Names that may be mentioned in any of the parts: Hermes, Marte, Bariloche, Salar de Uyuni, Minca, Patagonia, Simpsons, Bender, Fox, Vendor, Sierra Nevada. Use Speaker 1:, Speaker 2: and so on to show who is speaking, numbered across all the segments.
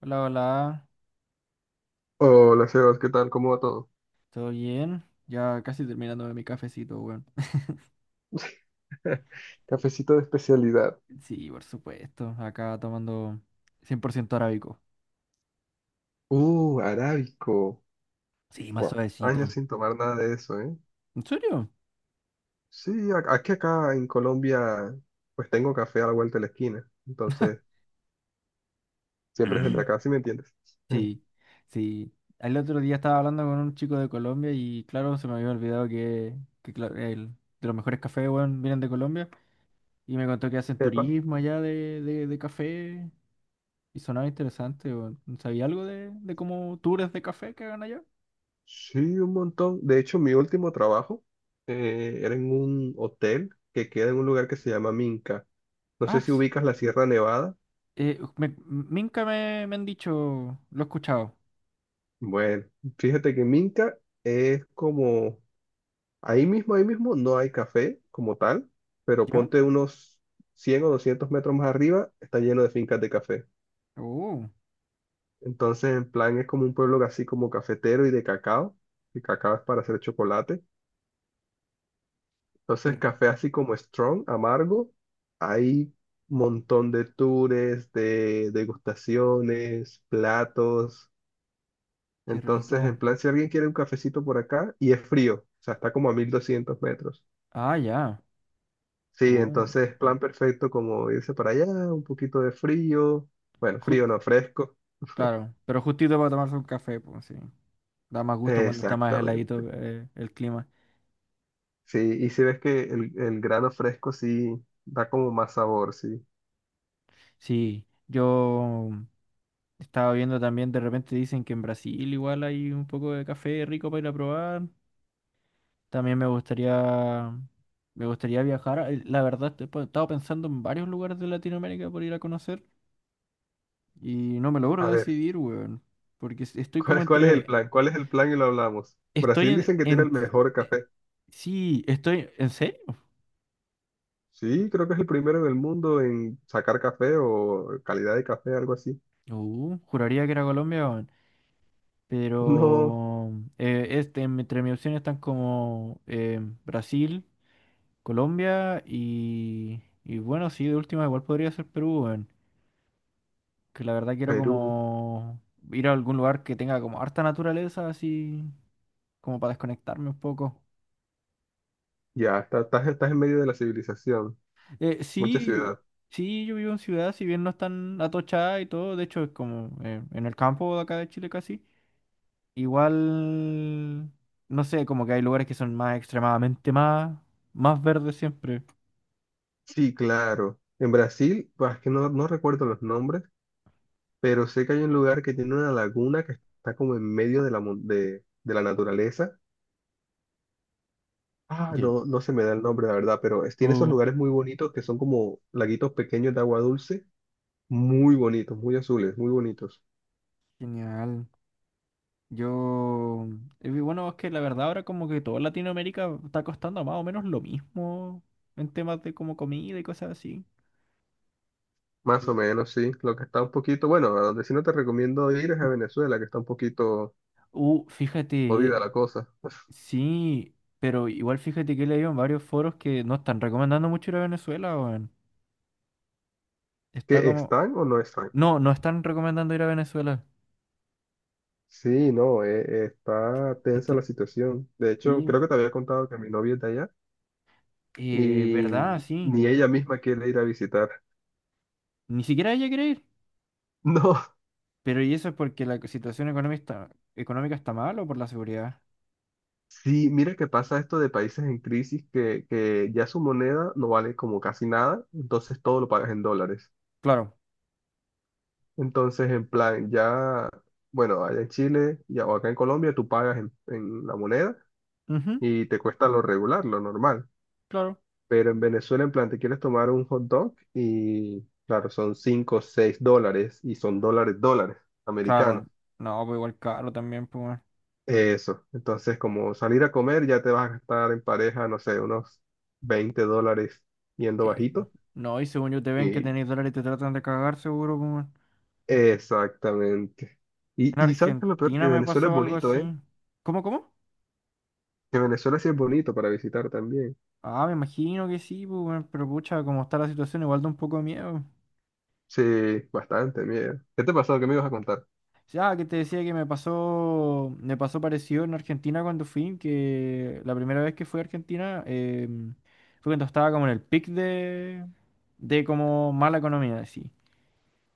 Speaker 1: Hola, hola,
Speaker 2: Hola, Sebas, ¿qué tal? ¿Cómo va todo?
Speaker 1: ¿todo bien? Ya casi terminándome mi cafecito, weón.
Speaker 2: Cafecito de especialidad.
Speaker 1: Sí, por supuesto, acá tomando 100% arábico.
Speaker 2: Arábico.
Speaker 1: Sí, más
Speaker 2: Fua, años
Speaker 1: suavecito.
Speaker 2: sin tomar nada de eso, ¿eh?
Speaker 1: ¿En serio?
Speaker 2: Sí, aquí acá en Colombia, pues tengo café a la vuelta de la esquina. Entonces, siempre es el de acá, ¿sí me entiendes?
Speaker 1: Sí, sí. El otro día estaba hablando con un chico de Colombia y claro, se me había olvidado que claro, de los mejores cafés, weón, vienen de Colombia. Y me contó que hacen
Speaker 2: Epa.
Speaker 1: turismo allá de café. Y sonaba interesante, weón. ¿Sabía algo de cómo tours de café que hagan allá?
Speaker 2: Sí, un montón. De hecho, mi último trabajo era en un hotel que queda en un lugar que se llama Minca. No sé
Speaker 1: Ah,
Speaker 2: si
Speaker 1: sí.
Speaker 2: ubicas la Sierra Nevada.
Speaker 1: Minca me han dicho, lo he escuchado.
Speaker 2: Bueno, fíjate que Minca es como ahí mismo, ahí mismo, no hay café como tal, pero
Speaker 1: ¿Ya?
Speaker 2: ponte unos 100 o 200 metros más arriba, está lleno de fincas de café.
Speaker 1: Oh,
Speaker 2: Entonces, en plan, es como un pueblo así como cafetero y de cacao. El cacao es para hacer chocolate.
Speaker 1: qué,
Speaker 2: Entonces, café así como strong, amargo. Hay un montón de tours, de degustaciones, platos.
Speaker 1: qué
Speaker 2: Entonces,
Speaker 1: rico.
Speaker 2: en plan, si alguien quiere un cafecito por acá, y es frío, o sea, está como a 1200 metros.
Speaker 1: Ah, ya.
Speaker 2: Sí,
Speaker 1: Oh,
Speaker 2: entonces plan perfecto como irse para allá, un poquito de frío, bueno, frío
Speaker 1: jus-
Speaker 2: no fresco,
Speaker 1: claro, pero justito para tomarse un café, pues sí. Da más gusto cuando está más
Speaker 2: exactamente.
Speaker 1: heladito el clima.
Speaker 2: Sí, y si ves que el grano fresco sí da como más sabor, sí.
Speaker 1: Sí, yo estaba viendo también, de repente dicen que en Brasil igual hay un poco de café rico para ir a probar. También me gustaría viajar. La verdad, pues, he estado pensando en varios lugares de Latinoamérica por ir a conocer. Y no me logro
Speaker 2: A ver,
Speaker 1: decidir, weón. Porque estoy como
Speaker 2: ¿Cuál es el
Speaker 1: entre.
Speaker 2: plan? ¿Cuál es el plan y lo hablamos?
Speaker 1: Estoy
Speaker 2: Brasil
Speaker 1: en.
Speaker 2: dicen que tiene
Speaker 1: en-
Speaker 2: el mejor
Speaker 1: eh,
Speaker 2: café.
Speaker 1: Sí, estoy. ¿En serio?
Speaker 2: Sí, creo que es el primero en el mundo en sacar café o calidad de café, algo así.
Speaker 1: Juraría que era Colombia, weón.
Speaker 2: No,
Speaker 1: Pero. Entre mis opciones están como. Brasil, Colombia y. Y bueno, sí, de última igual podría ser Perú, weón. Que la verdad quiero
Speaker 2: Perú,
Speaker 1: como. Ir a algún lugar que tenga como harta naturaleza, así. Como para desconectarme un poco.
Speaker 2: ya, estás en medio de la civilización, muchas
Speaker 1: Sí,
Speaker 2: ciudades.
Speaker 1: sí, yo vivo en ciudad, si bien no es tan atochada y todo, de hecho es como en el campo de acá de Chile casi. Igual, no sé, como que hay lugares que son más extremadamente más, más verdes siempre.
Speaker 2: Sí, claro. En Brasil, pues, es que no, no recuerdo los nombres, pero sé que hay un lugar que tiene una laguna que está como en medio de la, de la naturaleza. Ah,
Speaker 1: Ye-
Speaker 2: no, no se me da el nombre, la verdad, pero tiene esos
Speaker 1: Oh,
Speaker 2: lugares muy bonitos que son como laguitos pequeños de agua dulce, muy bonitos, muy azules, muy bonitos.
Speaker 1: genial. Yo, bueno, es que la verdad ahora como que toda Latinoamérica está costando más o menos lo mismo en temas de como comida y cosas así.
Speaker 2: Más
Speaker 1: Ye-
Speaker 2: o menos, sí. Lo que está un poquito, bueno, a donde sí no te recomiendo ir es a Venezuela, que está un poquito jodida
Speaker 1: Fíjate.
Speaker 2: la cosa.
Speaker 1: Sí, pero igual fíjate que he leído en varios foros que no están recomendando mucho ir a Venezuela, weón.
Speaker 2: ¿Que
Speaker 1: Está como...
Speaker 2: están o no están?
Speaker 1: No, no están recomendando ir a Venezuela.
Speaker 2: Sí, no, está tensa la
Speaker 1: Están...
Speaker 2: situación. De hecho,
Speaker 1: Sí,
Speaker 2: creo que te había contado que mi novia es de allá
Speaker 1: verdad,
Speaker 2: y
Speaker 1: sí.
Speaker 2: ni ella misma quiere ir a visitar.
Speaker 1: Ni siquiera ella quiere ir.
Speaker 2: No,
Speaker 1: Pero ¿y eso es porque la situación económica económica está mal o por la seguridad?
Speaker 2: sí, mira que pasa esto de países en crisis que ya su moneda no vale como casi nada, entonces todo lo pagas en dólares.
Speaker 1: Claro.
Speaker 2: Entonces, en plan, ya, bueno, allá en Chile ya, o acá en Colombia tú pagas en la moneda
Speaker 1: Ujú,
Speaker 2: y te cuesta lo regular, lo normal.
Speaker 1: claro.
Speaker 2: Pero en Venezuela, en plan, te quieres tomar un hot dog y, claro, son 5 o 6 dólares y son dólares, dólares americanos.
Speaker 1: Claro. No, pues igual caro también, pues, weón.
Speaker 2: Eso. Entonces, como salir a comer, ya te vas a gastar en pareja, no sé, unos $20 yendo
Speaker 1: Sí, pues.
Speaker 2: bajito.
Speaker 1: No, y según yo te ven que
Speaker 2: Y
Speaker 1: tenéis dólares y te tratan de cagar, seguro, pues, weón.
Speaker 2: exactamente. Y,
Speaker 1: En
Speaker 2: ¿sabes qué es lo peor? Que
Speaker 1: Argentina me
Speaker 2: Venezuela es
Speaker 1: pasó algo
Speaker 2: bonito,
Speaker 1: así.
Speaker 2: ¿eh?
Speaker 1: ¿Cómo, cómo?
Speaker 2: Que Venezuela sí es bonito para visitar también.
Speaker 1: Ah, me imagino que sí, pues, weón, pero pucha, como está la situación, igual da un poco de miedo.
Speaker 2: Sí, bastante, mira. ¿Qué te pasó? ¿Qué me ibas a contar?
Speaker 1: Ya, que te decía que me pasó parecido en Argentina cuando fui, que la primera vez que fui a Argentina fue cuando estaba como en el pic de como mala economía, así.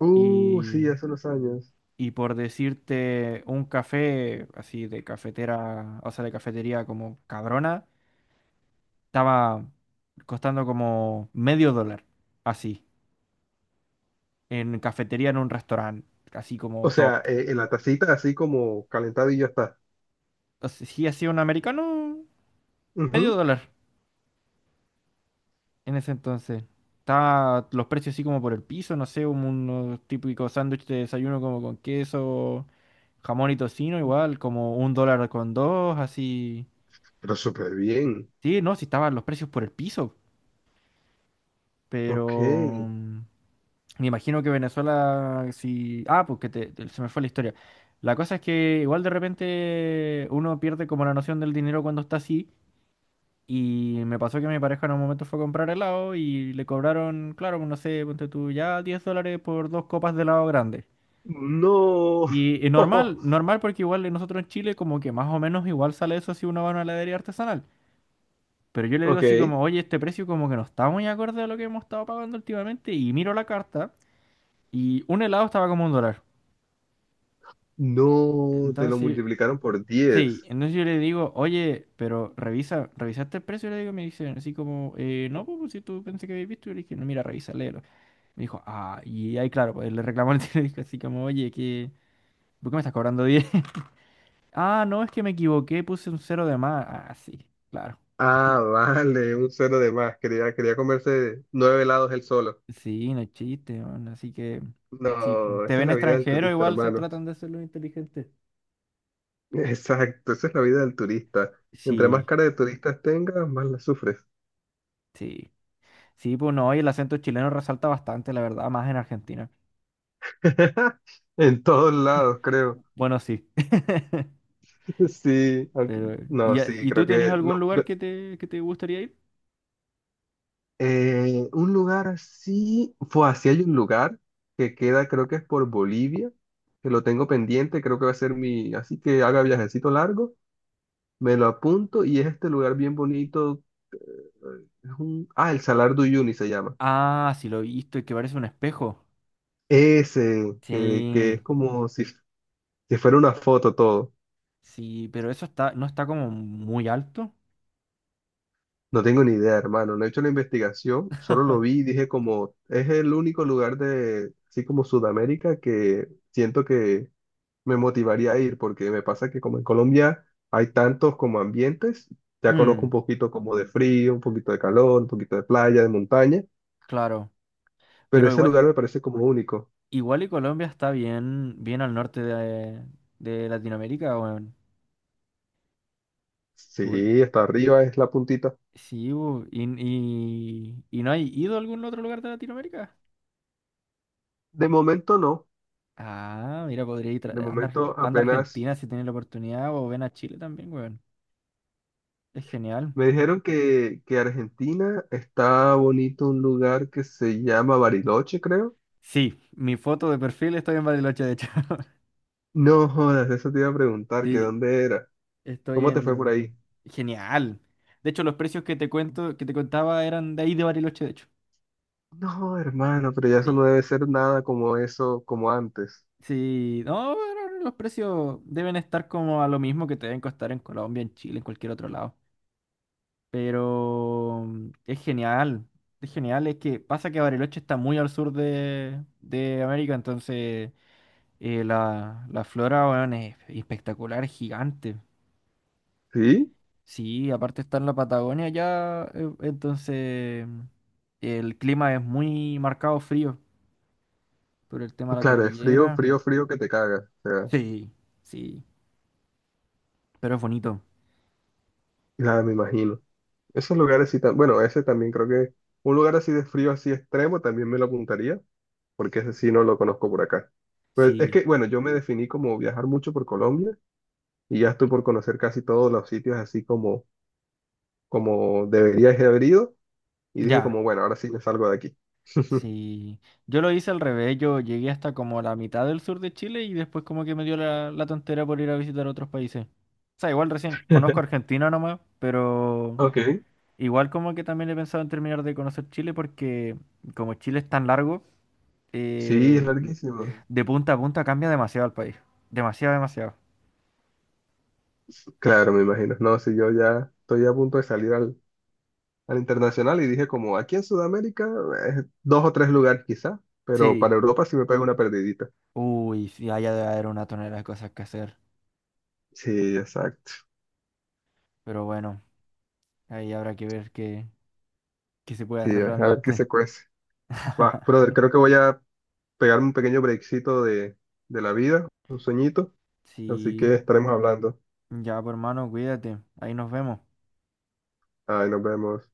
Speaker 2: Sí,
Speaker 1: Y,
Speaker 2: hace unos años.
Speaker 1: y por decirte, un café así de cafetera, o sea, de cafetería como cabrona, estaba costando como medio dólar, así. En cafetería en un restaurante, así
Speaker 2: O
Speaker 1: como
Speaker 2: sea,
Speaker 1: top.
Speaker 2: en la tacita así como calentado y ya está.
Speaker 1: Entonces, sí, hacía un americano
Speaker 2: Ujú.
Speaker 1: medio dólar en ese entonces. Estaba los precios así como por el piso, no sé, unos típicos sándwiches de desayuno como con queso, jamón y tocino, igual, como un dólar con dos, así.
Speaker 2: Pero súper bien.
Speaker 1: Sí, no, sí estaban los precios por el piso,
Speaker 2: Ok.
Speaker 1: pero mm, me imagino que Venezuela, sí... Ah, porque se me fue la historia. La cosa es que igual de repente uno pierde como la noción del dinero cuando está así. Y me pasó que mi pareja en un momento fue a comprar helado y le cobraron, claro, pues, no sé, ponte tú ya 10 dólares por dos copas de helado grande.
Speaker 2: No.
Speaker 1: Y normal, normal porque igual nosotros en Chile como que más o menos igual sale eso si uno va a una heladería artesanal. Pero yo le digo así
Speaker 2: Ok.
Speaker 1: como, oye, este precio como que no está muy acorde a lo que hemos estado pagando últimamente. Y miro la carta y un helado estaba como un dólar.
Speaker 2: No, te lo
Speaker 1: Entonces,
Speaker 2: multiplicaron por
Speaker 1: sí,
Speaker 2: 10.
Speaker 1: entonces yo le digo, oye, pero revisa, ¿revisaste el precio? Y le digo, me dice así como, no, pues si tú pensé que habías visto. Y le dije, no, mira, revisa, me dijo, ah, y ahí claro, pues le reclamó al tío, así como, oye, ¿por qué me estás cobrando 10? Ah, no, es que me equivoqué, puse un cero de más. Ah, sí, claro.
Speaker 2: Ah, vale, un cero de más. Quería, quería comerse nueve helados él solo.
Speaker 1: Sí, no es chiste, man. Así que, si
Speaker 2: No,
Speaker 1: te
Speaker 2: esa es
Speaker 1: ven
Speaker 2: la vida del
Speaker 1: extranjero,
Speaker 2: turista,
Speaker 1: igual se
Speaker 2: hermano.
Speaker 1: tratan de hacerlo inteligente.
Speaker 2: Exacto, esa es la vida del turista. Entre más
Speaker 1: Sí,
Speaker 2: cara de turistas tengas, más la sufres.
Speaker 1: sí. Sí, pues no, y el acento chileno resalta bastante, la verdad, más en Argentina.
Speaker 2: En todos lados, creo.
Speaker 1: Bueno, sí.
Speaker 2: Sí, aunque-
Speaker 1: Pero, ¿y,
Speaker 2: no, sí,
Speaker 1: y tú
Speaker 2: creo
Speaker 1: tenés
Speaker 2: que
Speaker 1: algún
Speaker 2: lo-
Speaker 1: lugar que te gustaría ir?
Speaker 2: Un lugar así, fue así hay un lugar que queda, creo que es por Bolivia, que lo tengo pendiente, creo que va a ser mi, así que haga viajecito largo, me lo apunto y es este lugar bien bonito, el Salar de Uyuni se llama.
Speaker 1: Ah, sí, lo he visto, el que parece un espejo.
Speaker 2: Ese, que
Speaker 1: Sí.
Speaker 2: es como si, si fuera una foto todo.
Speaker 1: Sí, pero eso está, no está como muy alto.
Speaker 2: No tengo ni idea, hermano, no he hecho la investigación, solo lo vi y dije como, es el único lugar de, así como Sudamérica que siento que me motivaría a ir, porque me pasa que como en Colombia hay tantos como ambientes, ya conozco
Speaker 1: Mm,
Speaker 2: un poquito como de frío, un poquito de calor, un poquito de playa, de montaña,
Speaker 1: claro.
Speaker 2: pero
Speaker 1: Pero
Speaker 2: ese
Speaker 1: igual,
Speaker 2: lugar me parece como único.
Speaker 1: igual y Colombia está bien, bien al norte de Latinoamérica, weón. Igual-
Speaker 2: Sí, hasta arriba es la puntita.
Speaker 1: sí, bu, ¿y no hay ido a algún otro lugar de Latinoamérica?
Speaker 2: De momento no,
Speaker 1: Ah, mira, podría ir,
Speaker 2: de
Speaker 1: anda,
Speaker 2: momento
Speaker 1: anda a
Speaker 2: apenas
Speaker 1: Argentina si tiene la oportunidad, o ven a Chile también, weón. Es genial.
Speaker 2: me dijeron que Argentina está bonito un lugar que se llama Bariloche, creo.
Speaker 1: Sí, mi foto de perfil estoy en Bariloche, de hecho.
Speaker 2: No jodas, eso te iba a preguntar, que
Speaker 1: Sí,
Speaker 2: dónde era.
Speaker 1: estoy
Speaker 2: ¿Cómo te fue por ahí?
Speaker 1: en... Genial. De hecho, los precios que te cuento, que te contaba eran de ahí de Bariloche, de hecho.
Speaker 2: No, hermano, pero ya eso no
Speaker 1: Sí.
Speaker 2: debe ser nada como eso, como antes.
Speaker 1: Sí. No, pero los precios deben estar como a lo mismo que te deben costar en Colombia, en Chile, en cualquier otro lado. Pero es genial. Es genial. Es que pasa que Bariloche está muy al sur de América, entonces la, la flora, weón, es espectacular, es gigante.
Speaker 2: Sí,
Speaker 1: Sí, aparte está en la Patagonia ya, entonces el clima es muy marcado frío por el tema
Speaker 2: pues
Speaker 1: de la
Speaker 2: claro, es frío,
Speaker 1: cordillera.
Speaker 2: frío, frío que te cagas. O sea,
Speaker 1: Sí, sí, pero es bonito.
Speaker 2: nada, me imagino. Esos lugares sí, bueno, ese también creo que un lugar así de frío, así extremo, también me lo apuntaría, porque ese sí no lo conozco por acá. Pues es
Speaker 1: Sí,
Speaker 2: que, bueno, yo me definí como viajar mucho por Colombia y ya estoy por conocer casi todos los sitios así como, como debería haber ido y dije
Speaker 1: ya,
Speaker 2: como, bueno, ahora sí me salgo de aquí.
Speaker 1: sí. Yo lo hice al revés, yo llegué hasta como la mitad del sur de Chile y después como que me dio la tontera por ir a visitar otros países. O sea, igual recién conozco Argentina nomás, pero
Speaker 2: Ok.
Speaker 1: igual como que también he pensado en terminar de conocer Chile porque como Chile es tan largo,
Speaker 2: Sí, es
Speaker 1: eh,
Speaker 2: larguísimo.
Speaker 1: de punta a punta cambia demasiado el país. Demasiado, demasiado.
Speaker 2: Claro, me imagino. No, si yo ya estoy a punto de salir al, al internacional y dije como aquí en Sudamérica, dos o tres lugares quizá, pero
Speaker 1: Sí.
Speaker 2: para Europa sí me pego una perdidita.
Speaker 1: Uy, sí, allá debe haber una tonelada de cosas que hacer.
Speaker 2: Sí, exacto.
Speaker 1: Pero bueno, ahí habrá que ver qué se puede
Speaker 2: Sí,
Speaker 1: hacer
Speaker 2: a ver qué
Speaker 1: realmente.
Speaker 2: se cuece. Va, brother, creo que voy a pegarme un pequeño breakcito de la vida, un sueñito, así
Speaker 1: Sí.
Speaker 2: que estaremos hablando.
Speaker 1: Ya, pues, hermano, cuídate. Ahí nos vemos.
Speaker 2: Ahí nos vemos.